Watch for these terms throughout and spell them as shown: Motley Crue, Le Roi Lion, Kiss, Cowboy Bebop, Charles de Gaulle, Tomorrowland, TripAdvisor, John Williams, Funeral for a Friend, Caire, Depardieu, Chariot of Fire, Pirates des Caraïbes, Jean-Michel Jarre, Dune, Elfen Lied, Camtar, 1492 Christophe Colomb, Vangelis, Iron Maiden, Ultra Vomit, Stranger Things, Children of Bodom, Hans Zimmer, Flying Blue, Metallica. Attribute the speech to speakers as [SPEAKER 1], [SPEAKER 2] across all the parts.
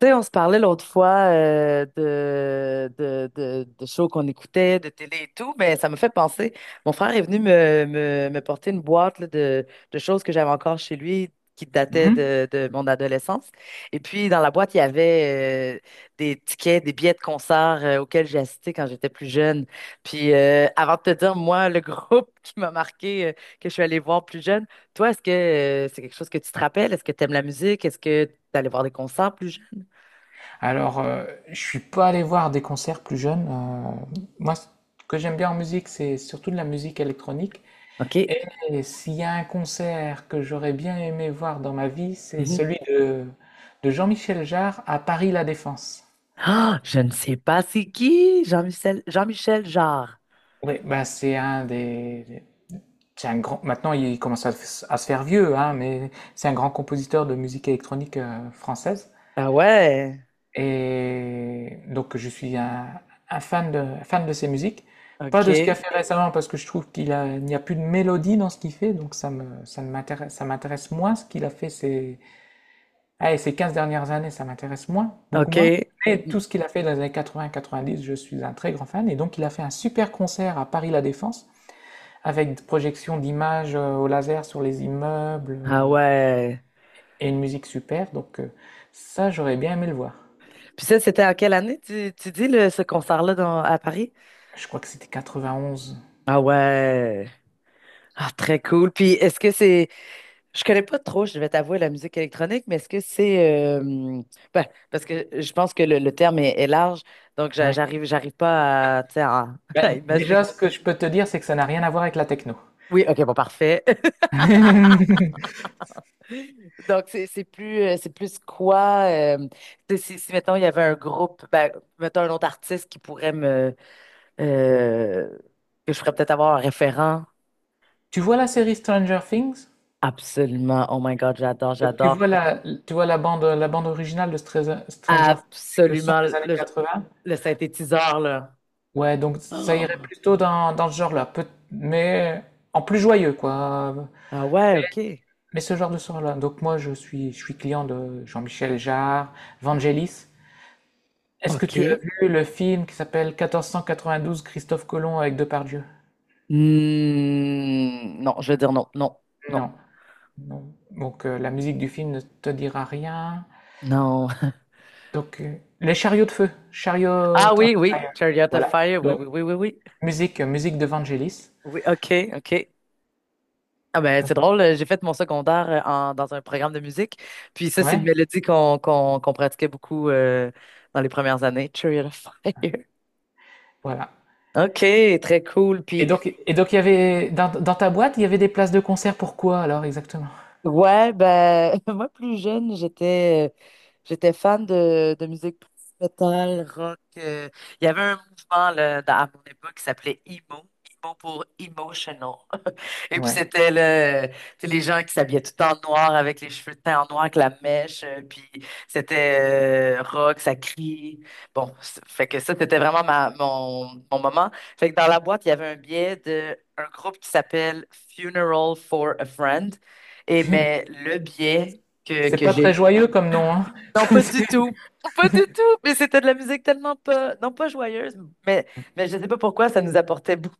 [SPEAKER 1] Tu sais, on se parlait l'autre fois de shows qu'on écoutait, de télé et tout, mais ça me fait penser. Mon frère est venu me porter une boîte là, de choses que j'avais encore chez lui qui dataient
[SPEAKER 2] Mhm.
[SPEAKER 1] de mon adolescence. Et puis, dans la boîte, il y avait des tickets, des billets de concerts auxquels j'ai assisté quand j'étais plus jeune. Puis, avant de te dire, moi, le groupe qui m'a marqué, que je suis allée voir plus jeune, toi, est-ce que c'est quelque chose que tu te rappelles? Est-ce que tu aimes la musique? Est-ce que tu allé voir des concerts plus jeunes?
[SPEAKER 2] Alors, je suis pas allé voir des concerts plus jeunes. Moi, ce que j'aime bien en musique, c'est surtout de la musique électronique.
[SPEAKER 1] OK.
[SPEAKER 2] Et s'il y a un concert que j'aurais bien aimé voir dans ma vie, c'est
[SPEAKER 1] Mhm.
[SPEAKER 2] celui de Jean-Michel Jarre à Paris La Défense.
[SPEAKER 1] Ah, je ne sais pas c'est qui, Jean-Michel Jarre.
[SPEAKER 2] Oui, bah, c'est un grand. Maintenant, il commence à se faire vieux, hein, mais c'est un grand compositeur de musique électronique française.
[SPEAKER 1] Ah ouais,
[SPEAKER 2] Et donc je suis un fan de ses musiques. Pas de ce qu'il a
[SPEAKER 1] ok,
[SPEAKER 2] fait récemment parce que je trouve il n'y a plus de mélodie dans ce qu'il fait, donc ça me, ça ne m'intéresse, ça m'intéresse moins ce qu'il a fait ces, allez, ces 15 dernières années, ça m'intéresse moins, beaucoup moins.
[SPEAKER 1] ok.
[SPEAKER 2] Mais tout ce qu'il a fait dans les années 80, 90, je suis un très grand fan. Et donc il a fait un super concert à Paris La Défense avec des projections d'images au laser sur les immeubles
[SPEAKER 1] Ah ouais.
[SPEAKER 2] et une musique super. Donc, ça, j'aurais bien aimé le voir.
[SPEAKER 1] Puis ça, c'était en quelle année, tu dis, ce concert-là à Paris?
[SPEAKER 2] Je crois que c'était 91.
[SPEAKER 1] Ah ouais. Ah, très cool. Puis est-ce que c'est... Je connais pas trop, je vais t'avouer, la musique électronique, mais est-ce que c'est... ben, parce que je pense que le terme est large, donc
[SPEAKER 2] Oui.
[SPEAKER 1] j'arrive pas à, tu sais, à, à
[SPEAKER 2] Bah,
[SPEAKER 1] imaginer...
[SPEAKER 2] déjà, ce que je peux te dire, c'est que ça n'a rien à voir avec la techno.
[SPEAKER 1] Oui, OK, bon, parfait. Donc, c'est plus, c'est plus quoi, tu sais, si, mettons, il y avait un groupe, ben, mettons, un autre artiste qui pourrait me, euh, que je ferais peut-être avoir un référent.
[SPEAKER 2] Tu vois la série Stranger Things?
[SPEAKER 1] Absolument. Oh my God, j'adore,
[SPEAKER 2] Donc,
[SPEAKER 1] j'adore.
[SPEAKER 2] tu vois la bande originale de Stranger Things avec le son
[SPEAKER 1] Absolument
[SPEAKER 2] des années
[SPEAKER 1] le,
[SPEAKER 2] 80?
[SPEAKER 1] le synthétiseur, là.
[SPEAKER 2] Ouais, donc ça
[SPEAKER 1] Oh.
[SPEAKER 2] irait plutôt dans ce genre-là, mais en plus joyeux, quoi.
[SPEAKER 1] Ah ouais, OK.
[SPEAKER 2] Mais ce genre de sort-là. Donc moi, je suis client de Jean-Michel Jarre, Vangelis. Est-ce que tu as
[SPEAKER 1] OK.
[SPEAKER 2] vu le film qui s'appelle 1492 Christophe Colomb avec Depardieu?
[SPEAKER 1] Hmm, non, je veux dire non, non, non,
[SPEAKER 2] Non. Non. Donc, la musique du film ne te dira rien.
[SPEAKER 1] non.
[SPEAKER 2] Donc, les chariots de feu, Chariot
[SPEAKER 1] Ah
[SPEAKER 2] of
[SPEAKER 1] oui, oui,
[SPEAKER 2] Fire.
[SPEAKER 1] Chariot of
[SPEAKER 2] Voilà.
[SPEAKER 1] Fire, oui,
[SPEAKER 2] Donc
[SPEAKER 1] oui, oui, oui, oui.
[SPEAKER 2] musique de Vangelis.
[SPEAKER 1] Oui, OK, OK. Ah ben,
[SPEAKER 2] Euh,
[SPEAKER 1] c'est drôle, j'ai fait mon secondaire dans un programme de musique. Puis ça, c'est une
[SPEAKER 2] Ouais,
[SPEAKER 1] mélodie qu'on pratiquait beaucoup dans les premières années. Chariot of Fire.
[SPEAKER 2] voilà.
[SPEAKER 1] OK, très cool.
[SPEAKER 2] Et
[SPEAKER 1] Puis
[SPEAKER 2] donc, et donc il y avait dans ta boîte, il y avait des places de concert pour quoi alors exactement?
[SPEAKER 1] Ouais, ben, moi plus jeune, j'étais fan de musique plus metal, rock. Il y avait un mouvement là, à mon époque qui s'appelait emo, emo pour emotional. Et puis
[SPEAKER 2] Ouais.
[SPEAKER 1] c'était le, tu sais, les gens qui s'habillaient tout en noir avec les cheveux teints en noir avec la mèche. Puis c'était rock, ça crie. Bon, fait que ça, c'était vraiment mon moment. Fait que dans la boîte, il y avait un billet de un groupe qui s'appelle Funeral for a Friend. Et mais le biais
[SPEAKER 2] C'est
[SPEAKER 1] que
[SPEAKER 2] pas
[SPEAKER 1] j'ai.
[SPEAKER 2] très joyeux comme nom, hein.
[SPEAKER 1] Non, pas
[SPEAKER 2] C'est-
[SPEAKER 1] du tout. Pas du tout. Mais c'était de la musique tellement pas. Non, pas joyeuse, mais, mais je sais pas pourquoi ça nous apportait beaucoup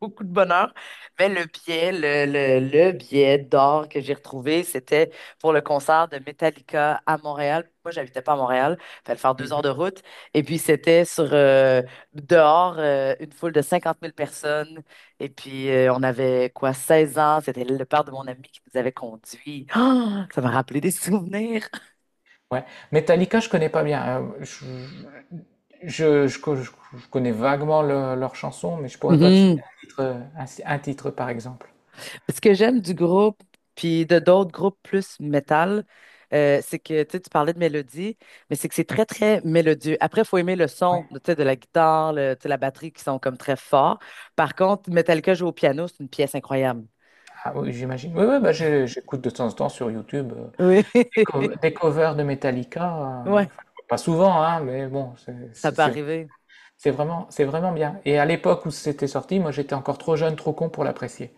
[SPEAKER 1] beaucoup de bonheur. Mais le billet, le billet d'or que j'ai retrouvé, c'était pour le concert de Metallica à Montréal. Moi, j'habitais pas à Montréal, fallait faire 2 heures de route. Et puis, c'était sur dehors, une foule de 50 000 personnes. Et puis, on avait quoi, 16 ans. C'était le père de mon ami qui nous avait conduits. Ah, ça m'a rappelé des souvenirs.
[SPEAKER 2] Ouais. Metallica, je connais pas bien. Je, je co- je- je connais vaguement leurs chansons, mais je pourrais pas te citer un titre, un titre par exemple.
[SPEAKER 1] Ce que j'aime du groupe, puis de d'autres groupes plus métal, c'est que tu sais, tu parlais de mélodie, mais c'est que c'est très, très mélodieux. Après, il faut aimer le son tu sais, de la guitare, tu sais, la batterie qui sont comme très forts. Par contre, Metallica joue au piano, c'est une pièce incroyable.
[SPEAKER 2] Ah oui, j'imagine. Oui, oui, bah, j'écoute de temps en temps sur YouTube,
[SPEAKER 1] Oui,
[SPEAKER 2] des covers de Metallica,
[SPEAKER 1] ouais,
[SPEAKER 2] enfin, pas souvent, hein, mais bon, c'est
[SPEAKER 1] ça
[SPEAKER 2] c'est
[SPEAKER 1] peut
[SPEAKER 2] c'est
[SPEAKER 1] arriver.
[SPEAKER 2] c'est vraiment c'est vraiment bien et à l'époque où c'était sorti, moi, j'étais encore trop jeune, trop con pour l'apprécier.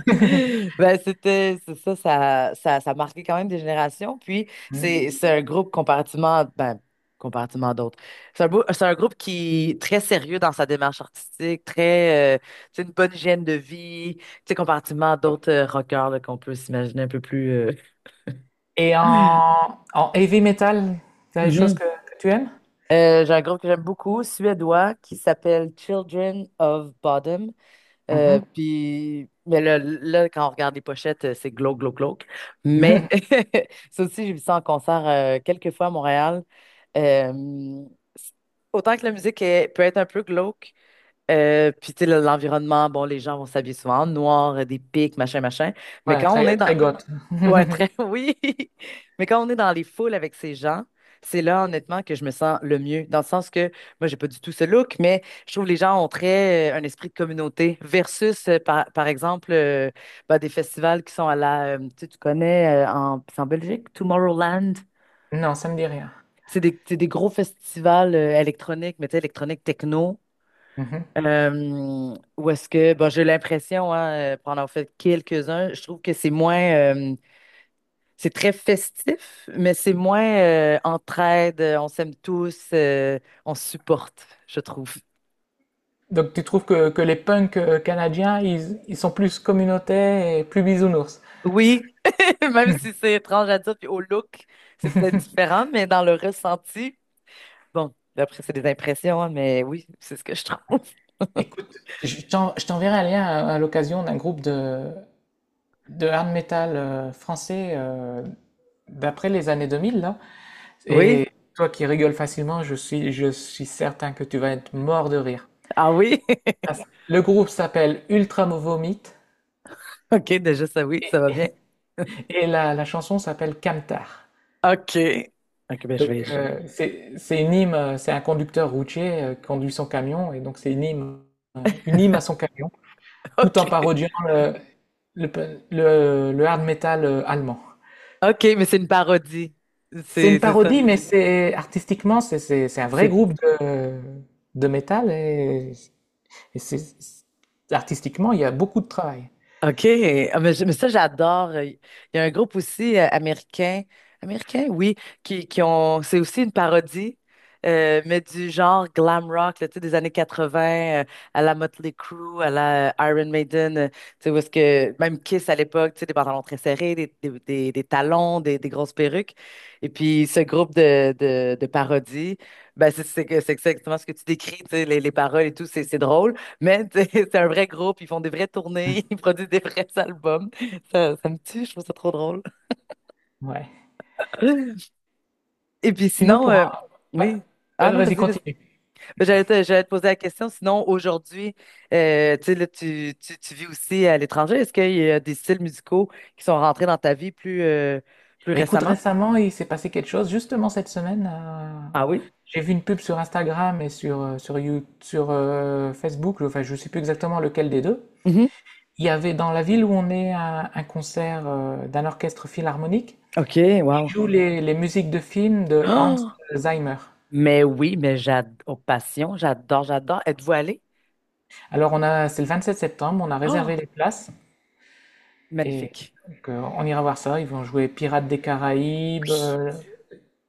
[SPEAKER 1] Ben, c'est ça a marqué quand même des générations. Puis, c'est
[SPEAKER 2] Mmh
[SPEAKER 1] c'est un groupe comparativement, ben, comparativement à d'autres. C'est un groupe qui est très sérieux dans sa démarche artistique, très, c'est une bonne hygiène de vie, tu sais, comparativement à d'autres rockers là, qu'on peut s'imaginer un peu plus.
[SPEAKER 2] et en heavy metal, tu as des choses
[SPEAKER 1] Mhm.
[SPEAKER 2] que tu aimes?
[SPEAKER 1] J'ai un groupe que j'aime beaucoup, suédois, qui s'appelle Children of Bodom.
[SPEAKER 2] Mmh.
[SPEAKER 1] Puis, mais quand on regarde les pochettes, c'est glauque, glauque, glauque. Mais ça aussi, j'ai vu ça en concert quelques fois à Montréal. Euh, c- Autant que la musique peut être un peu glauque, puis tu sais, l'environnement, bon, les gens vont s'habiller souvent en noir, des pics, machin, machin. Mais
[SPEAKER 2] Ouais,
[SPEAKER 1] quand on
[SPEAKER 2] très
[SPEAKER 1] est dans,
[SPEAKER 2] très goth.
[SPEAKER 1] ouais, très, oui. Mais quand on est dans les foules avec ces gens, c'est là, honnêtement, que je me sens le mieux. Dans le sens que, moi, j'ai pas du tout ce look, mais je trouve que les gens ont très un esprit de communauté versus, par exemple, bah, des festivals qui sont à la, tu sais, tu connais, c'est en Belgique, Tomorrowland.
[SPEAKER 2] Non, ça me dit rien.
[SPEAKER 1] C'est des gros festivals électroniques, mais tu sais, électroniques techno.
[SPEAKER 2] Mmh
[SPEAKER 1] Où est-ce que, bon, j'ai l'impression, hein, pour en avoir fait quelques-uns, je trouve que c'est moins. C'est très festif, mais c'est moins entraide, on s'aime tous, on se supporte, je trouve.
[SPEAKER 2] Donc tu trouves que les punks, canadiens, ils sont plus communautaires et plus bisounours?
[SPEAKER 1] Oui, même si c'est étrange à dire, puis au look, c'est peut-être différent, mais dans le ressenti, bon, après, c'est des impressions, hein, mais oui, c'est ce que je trouve.
[SPEAKER 2] Écoute, je t'enverrai un lien à l'occasion d'un groupe de hard metal français d'après les années 2000, là.
[SPEAKER 1] Oui,
[SPEAKER 2] Et toi qui rigoles facilement, je suis certain que tu vas être mort de rire.
[SPEAKER 1] ah oui,
[SPEAKER 2] Parce- Le groupe s'appelle Ultra Vomit
[SPEAKER 1] ok, déjà ça, oui, ça va bien.
[SPEAKER 2] et la chanson s'appelle Camtar.
[SPEAKER 1] Ok, ok, ben
[SPEAKER 2] Donc,
[SPEAKER 1] je vais.
[SPEAKER 2] c'est une hymne, c'est un conducteur routier qui conduit son camion, et donc c'est une hymne à son camion, tout en
[SPEAKER 1] Ok,
[SPEAKER 2] parodiant le, le hard metal allemand.
[SPEAKER 1] ok, mais c'est une parodie,
[SPEAKER 2] C'est une
[SPEAKER 1] c'est ça.
[SPEAKER 2] parodie, mais c'est artistiquement, c'est un vrai
[SPEAKER 1] C'est.
[SPEAKER 2] groupe de métal et c'est artistiquement, il y a beaucoup de travail.
[SPEAKER 1] OK. Ah, mais, mais ça, j'adore. Il y a un groupe aussi américain, américain, oui, qui ont, c'est aussi une parodie, mais du genre glam rock, là, tu sais, des années 80, à la Motley Crue, à la Iron Maiden, tu sais, où est-ce que, même Kiss à l'époque, tu sais, des pantalons très serrés, des talons, des grosses perruques. Et puis, ce groupe de parodies, ben, c'est exactement ce que tu décris, tu sais, les paroles et tout, c'est drôle. Mais tu sais, c'est un vrai groupe, ils font des vraies tournées, ils produisent des vrais albums. Ça me tue, je trouve ça trop drôle.
[SPEAKER 2] Ouais.
[SPEAKER 1] Et puis
[SPEAKER 2] Sinon,
[SPEAKER 1] sinon,
[SPEAKER 2] ouais.
[SPEAKER 1] oui. Ah
[SPEAKER 2] Ouais,
[SPEAKER 1] non,
[SPEAKER 2] vas-y,
[SPEAKER 1] vas-y, vas-y.
[SPEAKER 2] continue.
[SPEAKER 1] Ben, j'allais te poser la question. Sinon, aujourd'hui, tu sais, là, tu vis aussi à l'étranger. Est-ce qu'il y a des styles musicaux qui sont rentrés dans ta vie plus, plus
[SPEAKER 2] Mais écoute,
[SPEAKER 1] récemment?
[SPEAKER 2] récemment, il s'est passé quelque chose. Justement, cette semaine,
[SPEAKER 1] Ah oui?
[SPEAKER 2] j'ai vu une pub sur Instagram et sur Facebook. Enfin, je ne sais plus exactement lequel des deux.
[SPEAKER 1] Mhm.
[SPEAKER 2] Il y avait dans la ville où on est un concert d'un orchestre philharmonique
[SPEAKER 1] OK, wow.
[SPEAKER 2] qui joue les musiques de films de Hans
[SPEAKER 1] Oh,
[SPEAKER 2] Zimmer.
[SPEAKER 1] mais oui, mais j'adore, passion, j'adore, j'adore. Êtes-vous allé?
[SPEAKER 2] Alors c'est le 27 septembre, on a réservé
[SPEAKER 1] Oh,
[SPEAKER 2] les places et
[SPEAKER 1] magnifique.
[SPEAKER 2] donc, on ira voir ça. Ils vont jouer Pirates des Caraïbes,
[SPEAKER 1] Oui.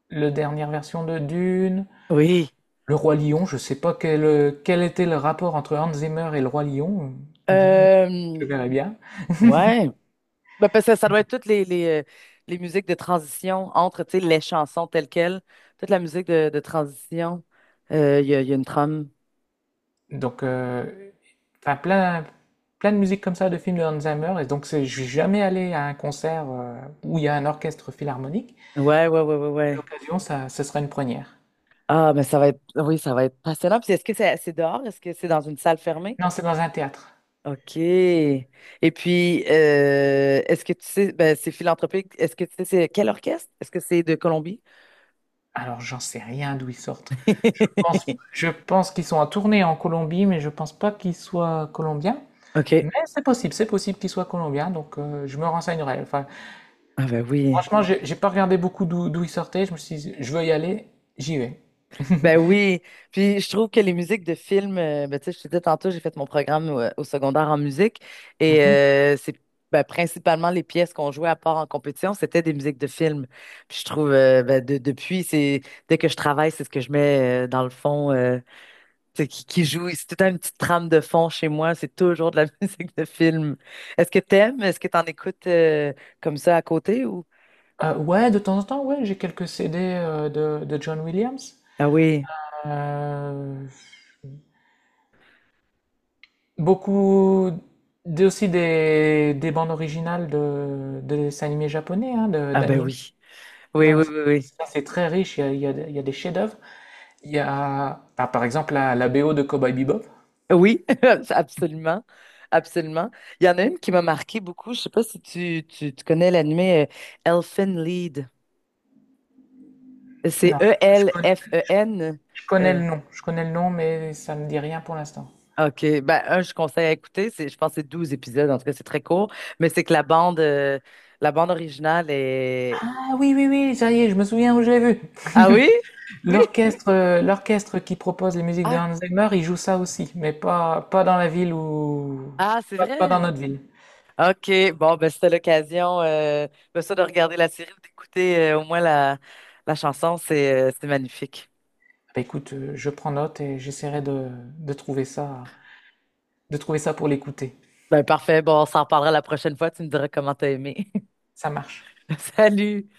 [SPEAKER 2] le dernière version de Dune,
[SPEAKER 1] Oui.
[SPEAKER 2] Le Roi Lion. Je sais pas quel était le rapport entre Hans Zimmer et Le Roi Lion.
[SPEAKER 1] Euh,
[SPEAKER 2] Je verrai bien.
[SPEAKER 1] ouais. Ben, parce que ça doit être toutes les musiques de transition entre, tu sais, les chansons telles quelles. Toute la musique de transition. Il y a une trame.
[SPEAKER 2] Donc, enfin plein de musique comme ça de films de Hans Zimmer et donc je suis jamais allé à un concert où il y a un orchestre philharmonique.
[SPEAKER 1] Ouais, ouais, ouais, ouais,
[SPEAKER 2] À
[SPEAKER 1] ouais.
[SPEAKER 2] l'occasion, ça sera une première.
[SPEAKER 1] Ah, mais ça va être, oui, ça va être passionnant. Puis est-ce que c'est dehors? Est-ce que c'est dans une salle fermée?
[SPEAKER 2] Non, c'est dans un théâtre.
[SPEAKER 1] OK. Et puis, est-ce que tu sais, ben, c'est philanthropique, est-ce que tu sais, c'est quel orchestre? Est-ce que c'est de Colombie?
[SPEAKER 2] Alors, j'en sais rien d'où ils sortent. Je pense, je pense qu'ils sont en tournée en Colombie, mais je pense pas qu'ils soient colombiens. Mais
[SPEAKER 1] OK.
[SPEAKER 2] c'est possible qu'ils soient colombiens, donc, je me renseignerai. Enfin,
[SPEAKER 1] Ah ben oui.
[SPEAKER 2] franchement, j'ai pas regardé beaucoup d'où ils sortaient. Je me suis dit, je veux y aller, j'y vais.
[SPEAKER 1] Ben oui, puis je trouve que les musiques de films, ben, tu sais, je te disais tantôt, j'ai fait mon programme au secondaire en musique et
[SPEAKER 2] Mhm.
[SPEAKER 1] c'est ben, principalement les pièces qu'on jouait à part en compétition, c'était des musiques de films. Puis je trouve, ben, depuis, c'est dès que je travaille, c'est ce que je mets dans le fond, tu sais, qui joue. C'est tout le temps une petite trame de fond chez moi, c'est toujours de la musique de film. Est-ce que t'aimes? Est-ce que t'en écoutes comme ça à côté ou?
[SPEAKER 2] Ouais, de temps en temps, ouais, j'ai quelques CD de John Williams.
[SPEAKER 1] Ah oui,
[SPEAKER 2] Euh, beaucoup aussi des bandes originales de dessins animés japonais, hein,
[SPEAKER 1] ah ben
[SPEAKER 2] d'animés.
[SPEAKER 1] oui, oui,
[SPEAKER 2] Non,
[SPEAKER 1] oui,
[SPEAKER 2] ça,
[SPEAKER 1] oui, oui.
[SPEAKER 2] ça, c'est très riche, il y a des il y a des chefs-d'œuvre. Il y a, ah, par exemple, la BO de Cowboy Bebop.
[SPEAKER 1] Oui, absolument. Absolument. Il y en a une qui m'a marqué beaucoup. Je sais pas si tu connais l'animé Elfen Lied. C'est
[SPEAKER 2] Non,
[SPEAKER 1] Elfen.
[SPEAKER 2] je connais
[SPEAKER 1] euh,
[SPEAKER 2] le nom, je connais le nom, mais ça me dit rien pour l'instant.
[SPEAKER 1] OK. Ben, un, je conseille à écouter. C'est, je pense que c'est 12 épisodes. En tout cas, c'est très court. Mais c'est que la bande originale est.
[SPEAKER 2] Ah oui, oui, oui, ça y est, je me souviens où je l'ai vu.
[SPEAKER 1] Ah oui? Oui?
[SPEAKER 2] L'orchestre qui propose les musiques de
[SPEAKER 1] Ah,
[SPEAKER 2] Hans Zimmer, il joue ça aussi, mais pas, pas dans la ville où,
[SPEAKER 1] ah, c'est
[SPEAKER 2] pas, pas dans
[SPEAKER 1] vrai?
[SPEAKER 2] notre ville.
[SPEAKER 1] OK. Bon, ben, c'était l'occasion, ben, ça, de regarder la série ou d'écouter au moins la chanson. C'est magnifique.
[SPEAKER 2] Bah, écoute, je prends note et j'essaierai de trouver ça pour l'écouter.
[SPEAKER 1] Ben parfait, bon, on s'en reparlera la prochaine fois, tu me diras comment t'as aimé.
[SPEAKER 2] Ça marche.
[SPEAKER 1] Salut!